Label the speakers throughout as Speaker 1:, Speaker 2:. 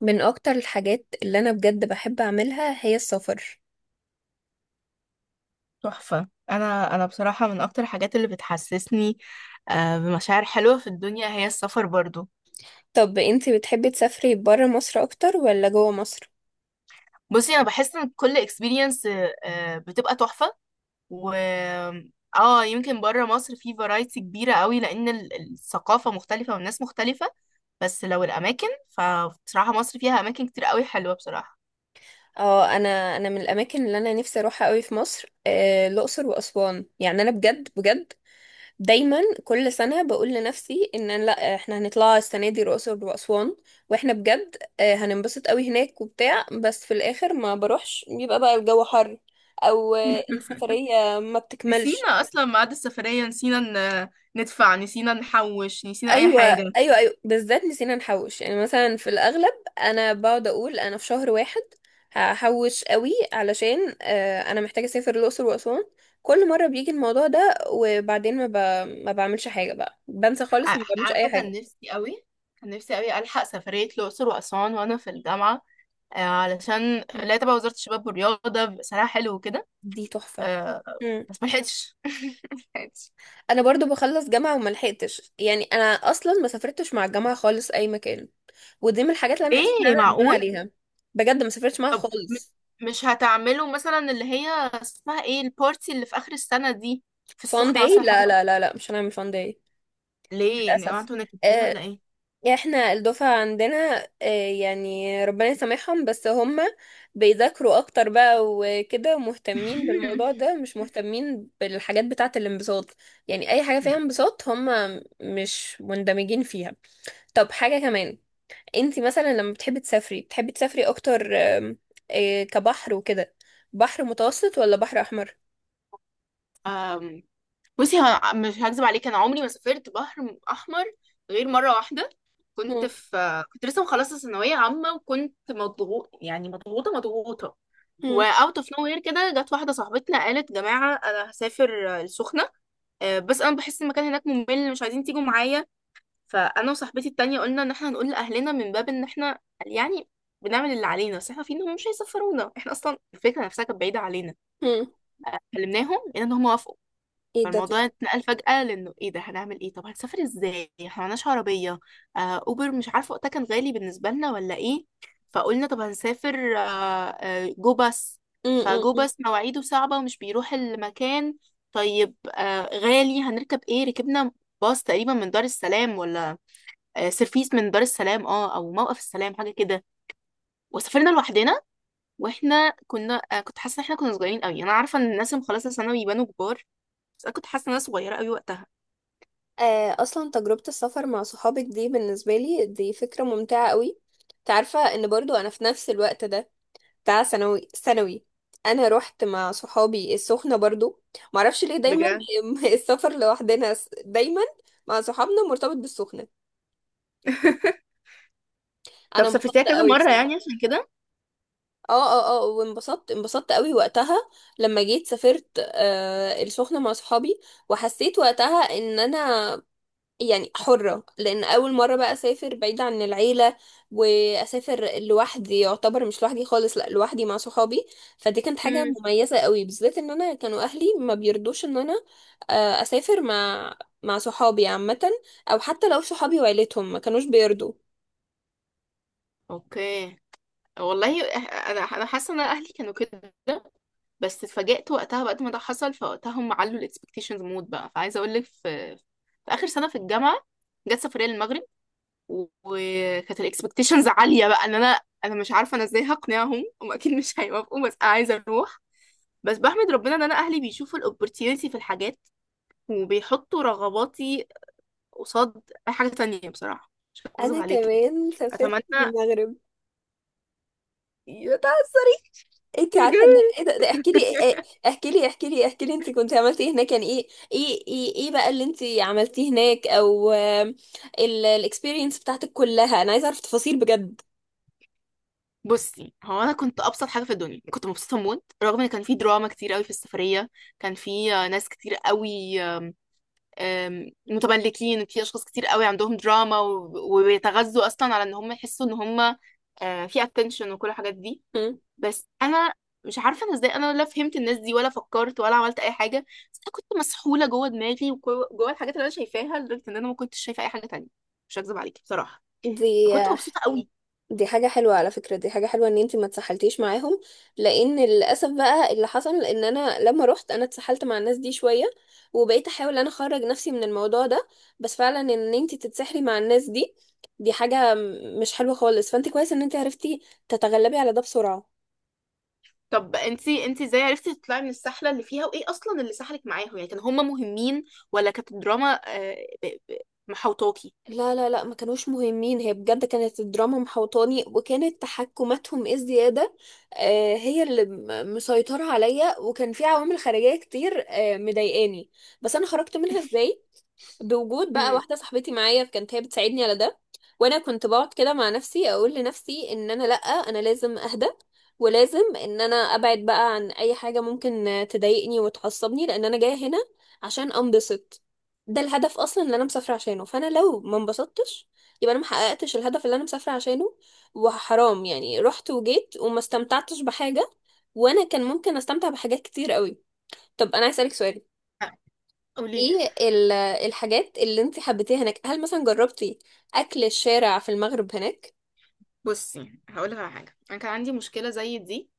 Speaker 1: من اكتر الحاجات اللي انا بجد بحب اعملها هي السفر.
Speaker 2: تحفة. أنا بصراحة من أكتر الحاجات اللي بتحسسني بمشاعر حلوة في الدنيا هي السفر برضو.
Speaker 1: طب انتي بتحبي تسافري برا مصر اكتر ولا جوا مصر؟
Speaker 2: بصي أنا بحس إن كل experience بتبقى تحفة. و اه يمكن بره مصر في فرايتي كبيرة قوي لأن الثقافة مختلفة والناس مختلفة. بس لو الأماكن فبصراحة مصر فيها أماكن كتير قوي حلوة بصراحة.
Speaker 1: اه، انا من الاماكن اللي انا نفسي اروحها قوي في مصر، الاقصر واسوان. يعني انا بجد بجد دايما كل سنه بقول لنفسي ان أنا، لا احنا هنطلع السنه دي الاقصر واسوان واحنا بجد هننبسط قوي هناك وبتاع، بس في الاخر ما بروحش، بيبقى بقى الجو حر، او السفريه ما بتكملش.
Speaker 2: نسينا أصلا ميعاد السفرية، نسينا ندفع، نسينا نحوش، نسينا أي
Speaker 1: ايوه
Speaker 2: حاجة.
Speaker 1: ايوه ايوه، بالذات نسينا نحوش. يعني مثلا في الاغلب انا بقعد اقول انا في شهر واحد هحوش قوي علشان انا محتاجه اسافر الاقصر واسوان. كل مره بيجي الموضوع ده، وبعدين ما بعملش حاجه بقى، بنسى خالص ما بعملش اي
Speaker 2: عارفة،
Speaker 1: حاجه.
Speaker 2: كان نفسي قوي، ألحق سفرية الأقصر وأسوان وأنا في الجامعة، علشان لا تبع وزارة الشباب والرياضة بيبقى سعرها حلو وكده.
Speaker 1: دي تحفه.
Speaker 2: آه،
Speaker 1: مم.
Speaker 2: بس ملحقتش. ملحقتش.
Speaker 1: انا برضو بخلص جامعه وما لحقتش، يعني انا اصلا ما سافرتش مع الجامعه خالص اي مكان، ودي من الحاجات اللي انا حاسه ان
Speaker 2: ليه؟
Speaker 1: انا ندمان
Speaker 2: معقول؟
Speaker 1: عليها. بجد ما سافرتش معاها
Speaker 2: طب
Speaker 1: خالص.
Speaker 2: مش هتعملوا مثلا اللي هي اسمها ايه البارتي اللي في آخر السنة دي، في
Speaker 1: فان
Speaker 2: السخنة
Speaker 1: داي،
Speaker 2: مثلا حاجة
Speaker 1: لا
Speaker 2: كده؟
Speaker 1: لا لا لا، مش هنعمل فان داي.
Speaker 2: ليه يعني، هو
Speaker 1: للأسف.
Speaker 2: انتوا نكدين ولا
Speaker 1: آه،
Speaker 2: ايه؟
Speaker 1: يعني احنا الدفعة عندنا، يعني ربنا يسامحهم، بس هم بيذاكروا اكتر بقى وكده، ومهتمين بالموضوع ده، مش مهتمين بالحاجات بتاعة الانبساط. يعني اي حاجة فيها انبساط، هم مش مندمجين فيها. طب حاجة كمان، انتي مثلا لما بتحبي تسافري، بتحبي تسافري اكتر كبحر وكده، بحر متوسط ولا بحر احمر؟
Speaker 2: أم، بصي مش هكذب عليك، انا عمري ما سافرت بحر احمر غير مره واحده. كنت
Speaker 1: مم.
Speaker 2: في، كنت لسه مخلصه ثانويه عامه وكنت مضغوط يعني مضغوطه مضغوطه.
Speaker 1: مم.
Speaker 2: واوت اوف نو وير كده جت واحده صاحبتنا قالت جماعه انا هسافر السخنه، بس انا بحس المكان هناك ممل، مش عايزين تيجوا معايا. فانا وصاحبتي التانية قلنا ان احنا هنقول لاهلنا من باب ان احنا يعني بنعمل اللي علينا، بس احنا عارفين انهم مش هيسفرونا، احنا اصلا الفكره نفسها كانت بعيده علينا.
Speaker 1: مم.
Speaker 2: كلمناهم لقينا ان هم وافقوا.
Speaker 1: ايه ده
Speaker 2: فالموضوع
Speaker 1: تحفة.
Speaker 2: اتنقل فجأة لانه ايه ده، هنعمل ايه، طب هنسافر ازاي، احنا معناش عربية، اوبر مش عارفة وقتها كان غالي بالنسبة لنا ولا ايه. فقلنا طب هنسافر جو باص.
Speaker 1: مم.
Speaker 2: فجو
Speaker 1: مم.
Speaker 2: باص مواعيده صعبة ومش بيروح المكان. طيب غالي، هنركب ايه؟ ركبنا باص تقريبا من دار السلام، ولا سيرفيس من دار السلام، او موقف السلام، حاجه كده. وسافرنا لوحدنا. واحنا كنا كنت حاسه ان احنا كنا صغيرين قوي. انا عارفه ان الناس اللي مخلصه ثانوي يبانوا كبار، بس انا كنت حاسه ان انا صغيره قوي وقتها.
Speaker 1: اصلا تجربة السفر مع صحابك دي بالنسبة لي دي فكرة ممتعة قوي. تعرفة ان برضو انا في نفس الوقت ده بتاع ثانوي ثانوي، انا رحت مع صحابي السخنة برضو. معرفش ليه دايما،
Speaker 2: بجد.
Speaker 1: السفر لوحدنا دايما مع صحابنا مرتبط بالسخنة.
Speaker 2: طب
Speaker 1: انا
Speaker 2: سافرتيها
Speaker 1: انبسطت
Speaker 2: كذا
Speaker 1: قوي
Speaker 2: مره يعني
Speaker 1: بصراحة.
Speaker 2: عشان كده؟
Speaker 1: اه، اه اه، وانبسطت انبسطت قوي وقتها لما جيت سافرت آه السخنة مع صحابي. وحسيت وقتها ان انا يعني حرة، لأن أول مرة بقى أسافر بعيدة عن العيلة، وأسافر لوحدي. يعتبر مش لوحدي خالص، لأ لوحدي مع صحابي. فدي كانت حاجة
Speaker 2: امم.
Speaker 1: مميزة قوي، بالذات إن أنا كانوا أهلي ما بيرضوش إن أنا أسافر مع صحابي عامة، أو حتى لو صحابي وعيلتهم ما كانوش بيرضوا.
Speaker 2: اوكي. والله، إح- انا حاسه ان اهلي كانوا كده، بس اتفاجئت وقتها بعد ما ده حصل فوقتها هم علوا الاكسبكتيشنز مود بقى. فعايزه اقول لك، في في اخر سنه في الجامعه جت سفريه للمغرب، وكانت الاكسبكتيشنز عاليه بقى ان انا مش عارفه انا ازاي هقنعهم، هم اكيد مش هيوافقوا بس انا عايزه اروح. بس بحمد ربنا ان انا اهلي بيشوفوا الاوبورتيونيتي في الحاجات وبيحطوا رغباتي قصاد اي حاجه تانية، بصراحه مش هكذب
Speaker 1: أنا
Speaker 2: عليكي.
Speaker 1: كمان سافرت
Speaker 2: اتمنى
Speaker 1: المغرب.
Speaker 2: يا تعسري
Speaker 1: انت
Speaker 2: يا
Speaker 1: عارفه ان
Speaker 2: جميل.
Speaker 1: ايه ده, احكي لي ايه- ايه، احكي لي احكي لي احكي لي انت كنت عملتي هناك، يعني إيه بقى اللي انت عملتيه هناك، او الاكسبيرينس بتاعتك كلها، انا عايزه اعرف تفاصيل بجد.
Speaker 2: بصي هو انا كنت ابسط حاجه في الدنيا، كنت مبسوطه موت رغم ان كان في دراما كتير قوي في السفريه. كان في ناس كتير قوي متملكين، في اشخاص كتير قوي عندهم دراما وبيتغذوا اصلا على ان هم يحسوا ان هم في اتنشن وكل الحاجات دي.
Speaker 1: هم.
Speaker 2: بس انا مش عارفه انا ازاي، انا لا فهمت الناس دي ولا فكرت ولا عملت اي حاجه. بس انا كنت مسحوله جوه دماغي وجوه الحاجات اللي انا شايفاها لدرجه ان انا ما كنتش شايفه اي حاجه تانية، مش هكذب عليكي بصراحه.
Speaker 1: دي
Speaker 2: فكنت مبسوطه قوي.
Speaker 1: دي حاجة حلوة على فكرة، دي حاجة حلوة ان انتي ما اتسحلتيش معاهم، لان للأسف بقى اللي حصل ان انا لما رحت انا اتسحلت مع الناس دي شوية، وبقيت احاول انا اخرج نفسي من الموضوع ده. بس فعلا ان انتي تتسحلي مع الناس دي، دي حاجة مش حلوة خالص. فانت كويس ان انتي عرفتي تتغلبي على ده بسرعة.
Speaker 2: طب انتي ازاي عرفتي تطلعي من السحله اللي فيها؟ وايه اصلا اللي سحلك معاهم، يعني كانوا هم مهمين ولا كانت الدراما ب- ب- محوطاكي؟
Speaker 1: لا لا لا، ما كانوش مهمين. هي بجد كانت الدراما محوطاني، وكانت تحكماتهم الزيادة هي اللي مسيطرة عليا، وكان في عوامل خارجية كتير مضايقاني. بس أنا خرجت منها إزاي؟ بوجود بقى
Speaker 2: امم.
Speaker 1: واحدة صاحبتي معايا كانت هي بتساعدني على ده. وانا كنت بقعد كده مع نفسي اقول لنفسي ان انا، لا انا لازم اهدى، ولازم ان انا ابعد بقى عن اي حاجة ممكن تضايقني وتعصبني، لان انا جاية هنا عشان انبسط. ده الهدف اصلا اللي انا مسافره عشانه، فانا لو ما انبسطتش، يبقى انا ما حققتش الهدف اللي انا مسافره عشانه. وحرام يعني رحت وجيت وما استمتعتش بحاجه، وانا كان ممكن استمتع بحاجات كتير قوي. طب انا عايز اسالك سؤال.
Speaker 2: قولي.
Speaker 1: ايه الحاجات اللي انت حبيتيها هناك؟ هل مثلا جربتي اكل الشارع في المغرب هناك؟
Speaker 2: بصي هقول لك على حاجه، انا كان عندي مشكله زي دي،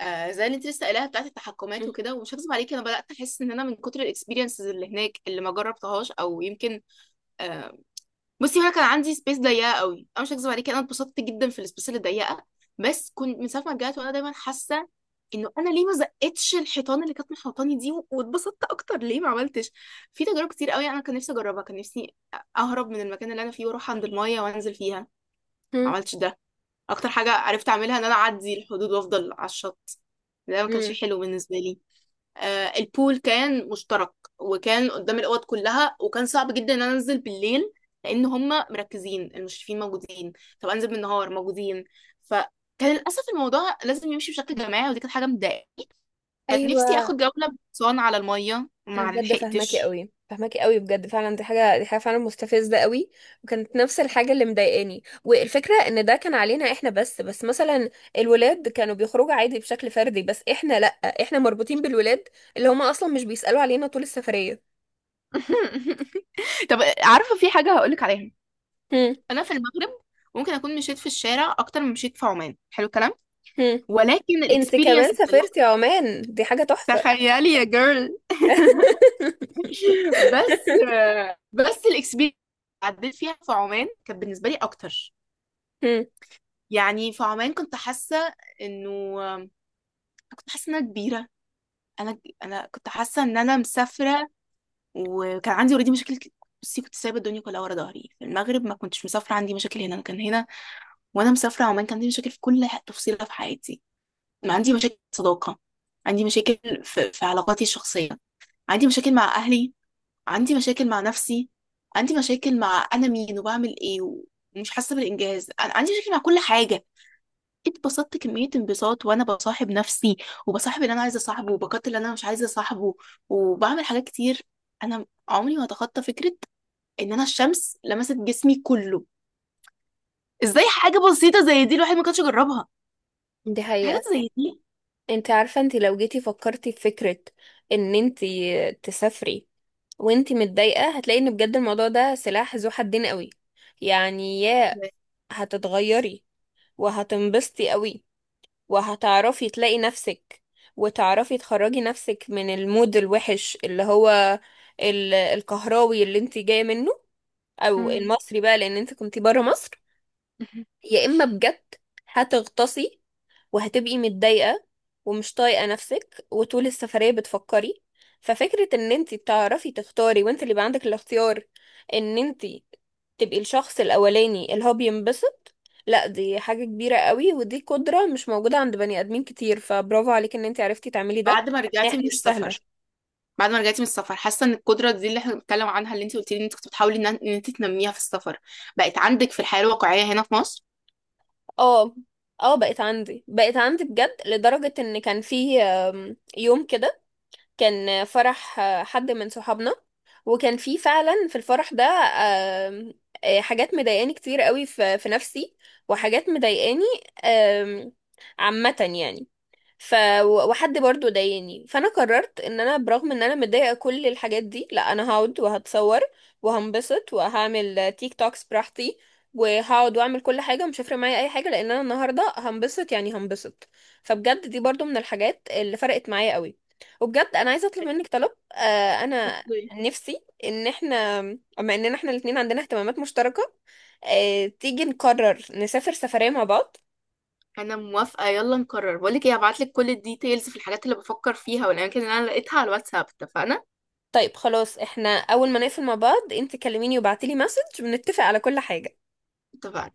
Speaker 2: آه زي اللي انت لسه قايلاها بتاعت التحكمات
Speaker 1: مم.
Speaker 2: وكده، ومش هكذب عليكي انا بدات احس ان انا من كتر الاكسبيرينسز اللي هناك اللي ما جربتهاش او يمكن. آه بصي هو انا كان عندي سبيس ضيقه قوي، انا مش هكذب عليكي انا اتبسطت جدا في السبيس اللي ضيقه. بس كنت من ساعه ما رجعت وانا دايما حاسه انه انا ليه ما زقتش الحيطان اللي كانت محوطاني دي واتبسطت اكتر؟ ليه ما عملتش في تجارب كتير قوي، انا كان نفسي اجربها. كان نفسي اهرب من المكان اللي انا فيه واروح عند المايه وانزل فيها. ما
Speaker 1: مم.
Speaker 2: عملتش ده. اكتر حاجه عرفت اعملها ان انا اعدي الحدود وافضل على الشط، ده ما
Speaker 1: مم.
Speaker 2: كانش حلو بالنسبه لي. البول كان مشترك وكان قدام الاوض كلها، وكان صعب جدا ان انا انزل بالليل لان هم مركزين، المشرفين موجودين. طب انزل بالنهار، موجودين. فكان للاسف الموضوع لازم يمشي بشكل جماعي، ودي كانت حاجه مضايقاني. كان نفسي
Speaker 1: ايوه.
Speaker 2: اخد جوله بحصان على الميه،
Speaker 1: انا
Speaker 2: ما
Speaker 1: بجد فاهماكي
Speaker 2: لحقتش.
Speaker 1: قوي فاهماكي قوي، بجد فعلا، دي حاجه دي حاجه فعلا مستفزه قوي. وكانت نفس الحاجه اللي مضايقاني، والفكره ان ده كان علينا احنا بس، بس مثلا الولاد كانوا بيخرجوا عادي بشكل فردي، بس احنا لا، احنا مربوطين بالولاد اللي هما اصلا مش بيسالوا علينا طول السفريه.
Speaker 2: طب عارفة في حاجة هقولك عليها.
Speaker 1: هم
Speaker 2: انا في المغرب ممكن اكون مشيت في الشارع اكتر من مشيت في عمان، حلو الكلام.
Speaker 1: هم.
Speaker 2: ولكن
Speaker 1: انت كمان
Speaker 2: الاكسبيرينس اتسلحت.
Speaker 1: سافرتي عمان؟ دي حاجه تحفه.
Speaker 2: تخيلي يا جيرل. بس بس الاكسبيرينس عديت فيها في عمان كانت بالنسبه لي اكتر.
Speaker 1: هم.
Speaker 2: يعني في عمان كنت حاسه انه، كنت حاسه ان انا كبيره. انا كنت حاسه ان انا مسافره، وكان عندي اوريدي مشاكل بصي كنت سايبه الدنيا كلها ورا ظهري في المغرب، ما كنتش مسافره عندي مشاكل هنا. انا كان هنا، وانا مسافره عمان، كان عندي مشاكل في كل تفصيله في حياتي. ما عندي مشاكل في الصداقة، عندي مشاكل في علاقاتي الشخصية، عندي مشاكل مع أهلي، عندي مشاكل مع نفسي، عندي مشاكل مع أنا مين وبعمل إيه، ومش حاسة بالإنجاز، أنا عندي مشاكل مع كل حاجة. اتبسطت كمية انبساط وأنا بصاحب نفسي، وبصاحب اللي أنا عايزة أصاحبه وبقتل اللي أنا مش عايزة أصاحبه، وبعمل حاجات كتير. أنا عمري ما أتخطى فكرة إن أنا الشمس لمست جسمي كله. إزاي حاجة بسيطة زي دي الواحد ما كانش يجربها؟
Speaker 1: دي
Speaker 2: في
Speaker 1: حقيقة.
Speaker 2: حاجات زي دي.
Speaker 1: انت عارفة، انت لو جيتي فكرتي في فكرة ان انت تسافري وانتي متضايقة، هتلاقي ان بجد الموضوع ده سلاح ذو حدين قوي. يعني يا هتتغيري وهتنبسطي قوي وهتعرفي تلاقي نفسك وتعرفي تخرجي نفسك من المود الوحش اللي هو الكهراوي اللي انتي جاية منه، او
Speaker 2: مم.
Speaker 1: المصري بقى لان انت كنتي برا مصر. يا اما بجد هتغطسي وهتبقي متضايقة ومش طايقة نفسك وطول السفرية بتفكري. ففكرة ان انتي بتعرفي تختاري وانت اللي يبقى عندك الاختيار ان انتي تبقي الشخص الاولاني اللي هو بينبسط، لا دي حاجة كبيرة قوي، ودي قدرة مش موجودة عند بني ادمين كتير. فبرافو عليك ان انتي عرفتي تعملي ده،
Speaker 2: بعد ما رجعتي من
Speaker 1: يعني مش
Speaker 2: السفر،
Speaker 1: سهلة.
Speaker 2: بعد ما رجعتي من السفر، حاسه ان القدره دي اللي احنا بنتكلم عنها اللي انت قلت لي ان انت كنت بتحاولي إن انت تنميها في السفر، بقت عندك في الحياه الواقعيه هنا في مصر؟
Speaker 1: اه. اه، بقت عندي بقت عندي بجد، لدرجة ان كان في يوم كده كان فرح حد من صحابنا، وكان في فعلا في الفرح ده آم، حاجات مضايقاني كتير قوي في نفسي، وحاجات مضايقاني آم، عامة يعني. ف وحد برضو ضايقني، فانا قررت ان انا برغم ان انا متضايقه كل الحاجات دي، لا انا هقعد وهتصور وهنبسط وهعمل تيك توكس براحتي، وهقعد واعمل كل حاجه. مش هيفرق معايا اي حاجه لان انا النهارده هنبسط، يعني هنبسط. فبجد دي برضو من الحاجات اللي فرقت معايا قوي. وبجد انا عايزه اطلب منك طلب. آه، انا
Speaker 2: اوكي.
Speaker 1: نفسي ان احنا بما اننا احنا الاتنين عندنا اهتمامات مشتركه آه تيجي نقرر نسافر سفريه مع بعض.
Speaker 2: انا موافقه، يلا نقرر. بقول لك ايه، هبعت لك كل الديتيلز في الحاجات اللي بفكر فيها والاماكن اللي انا لقيتها على الواتساب، اتفقنا؟
Speaker 1: طيب خلاص، احنا اول ما نقفل مع بعض انت كلميني وبعتيلي مسج بنتفق على كل حاجة.
Speaker 2: اتفقنا.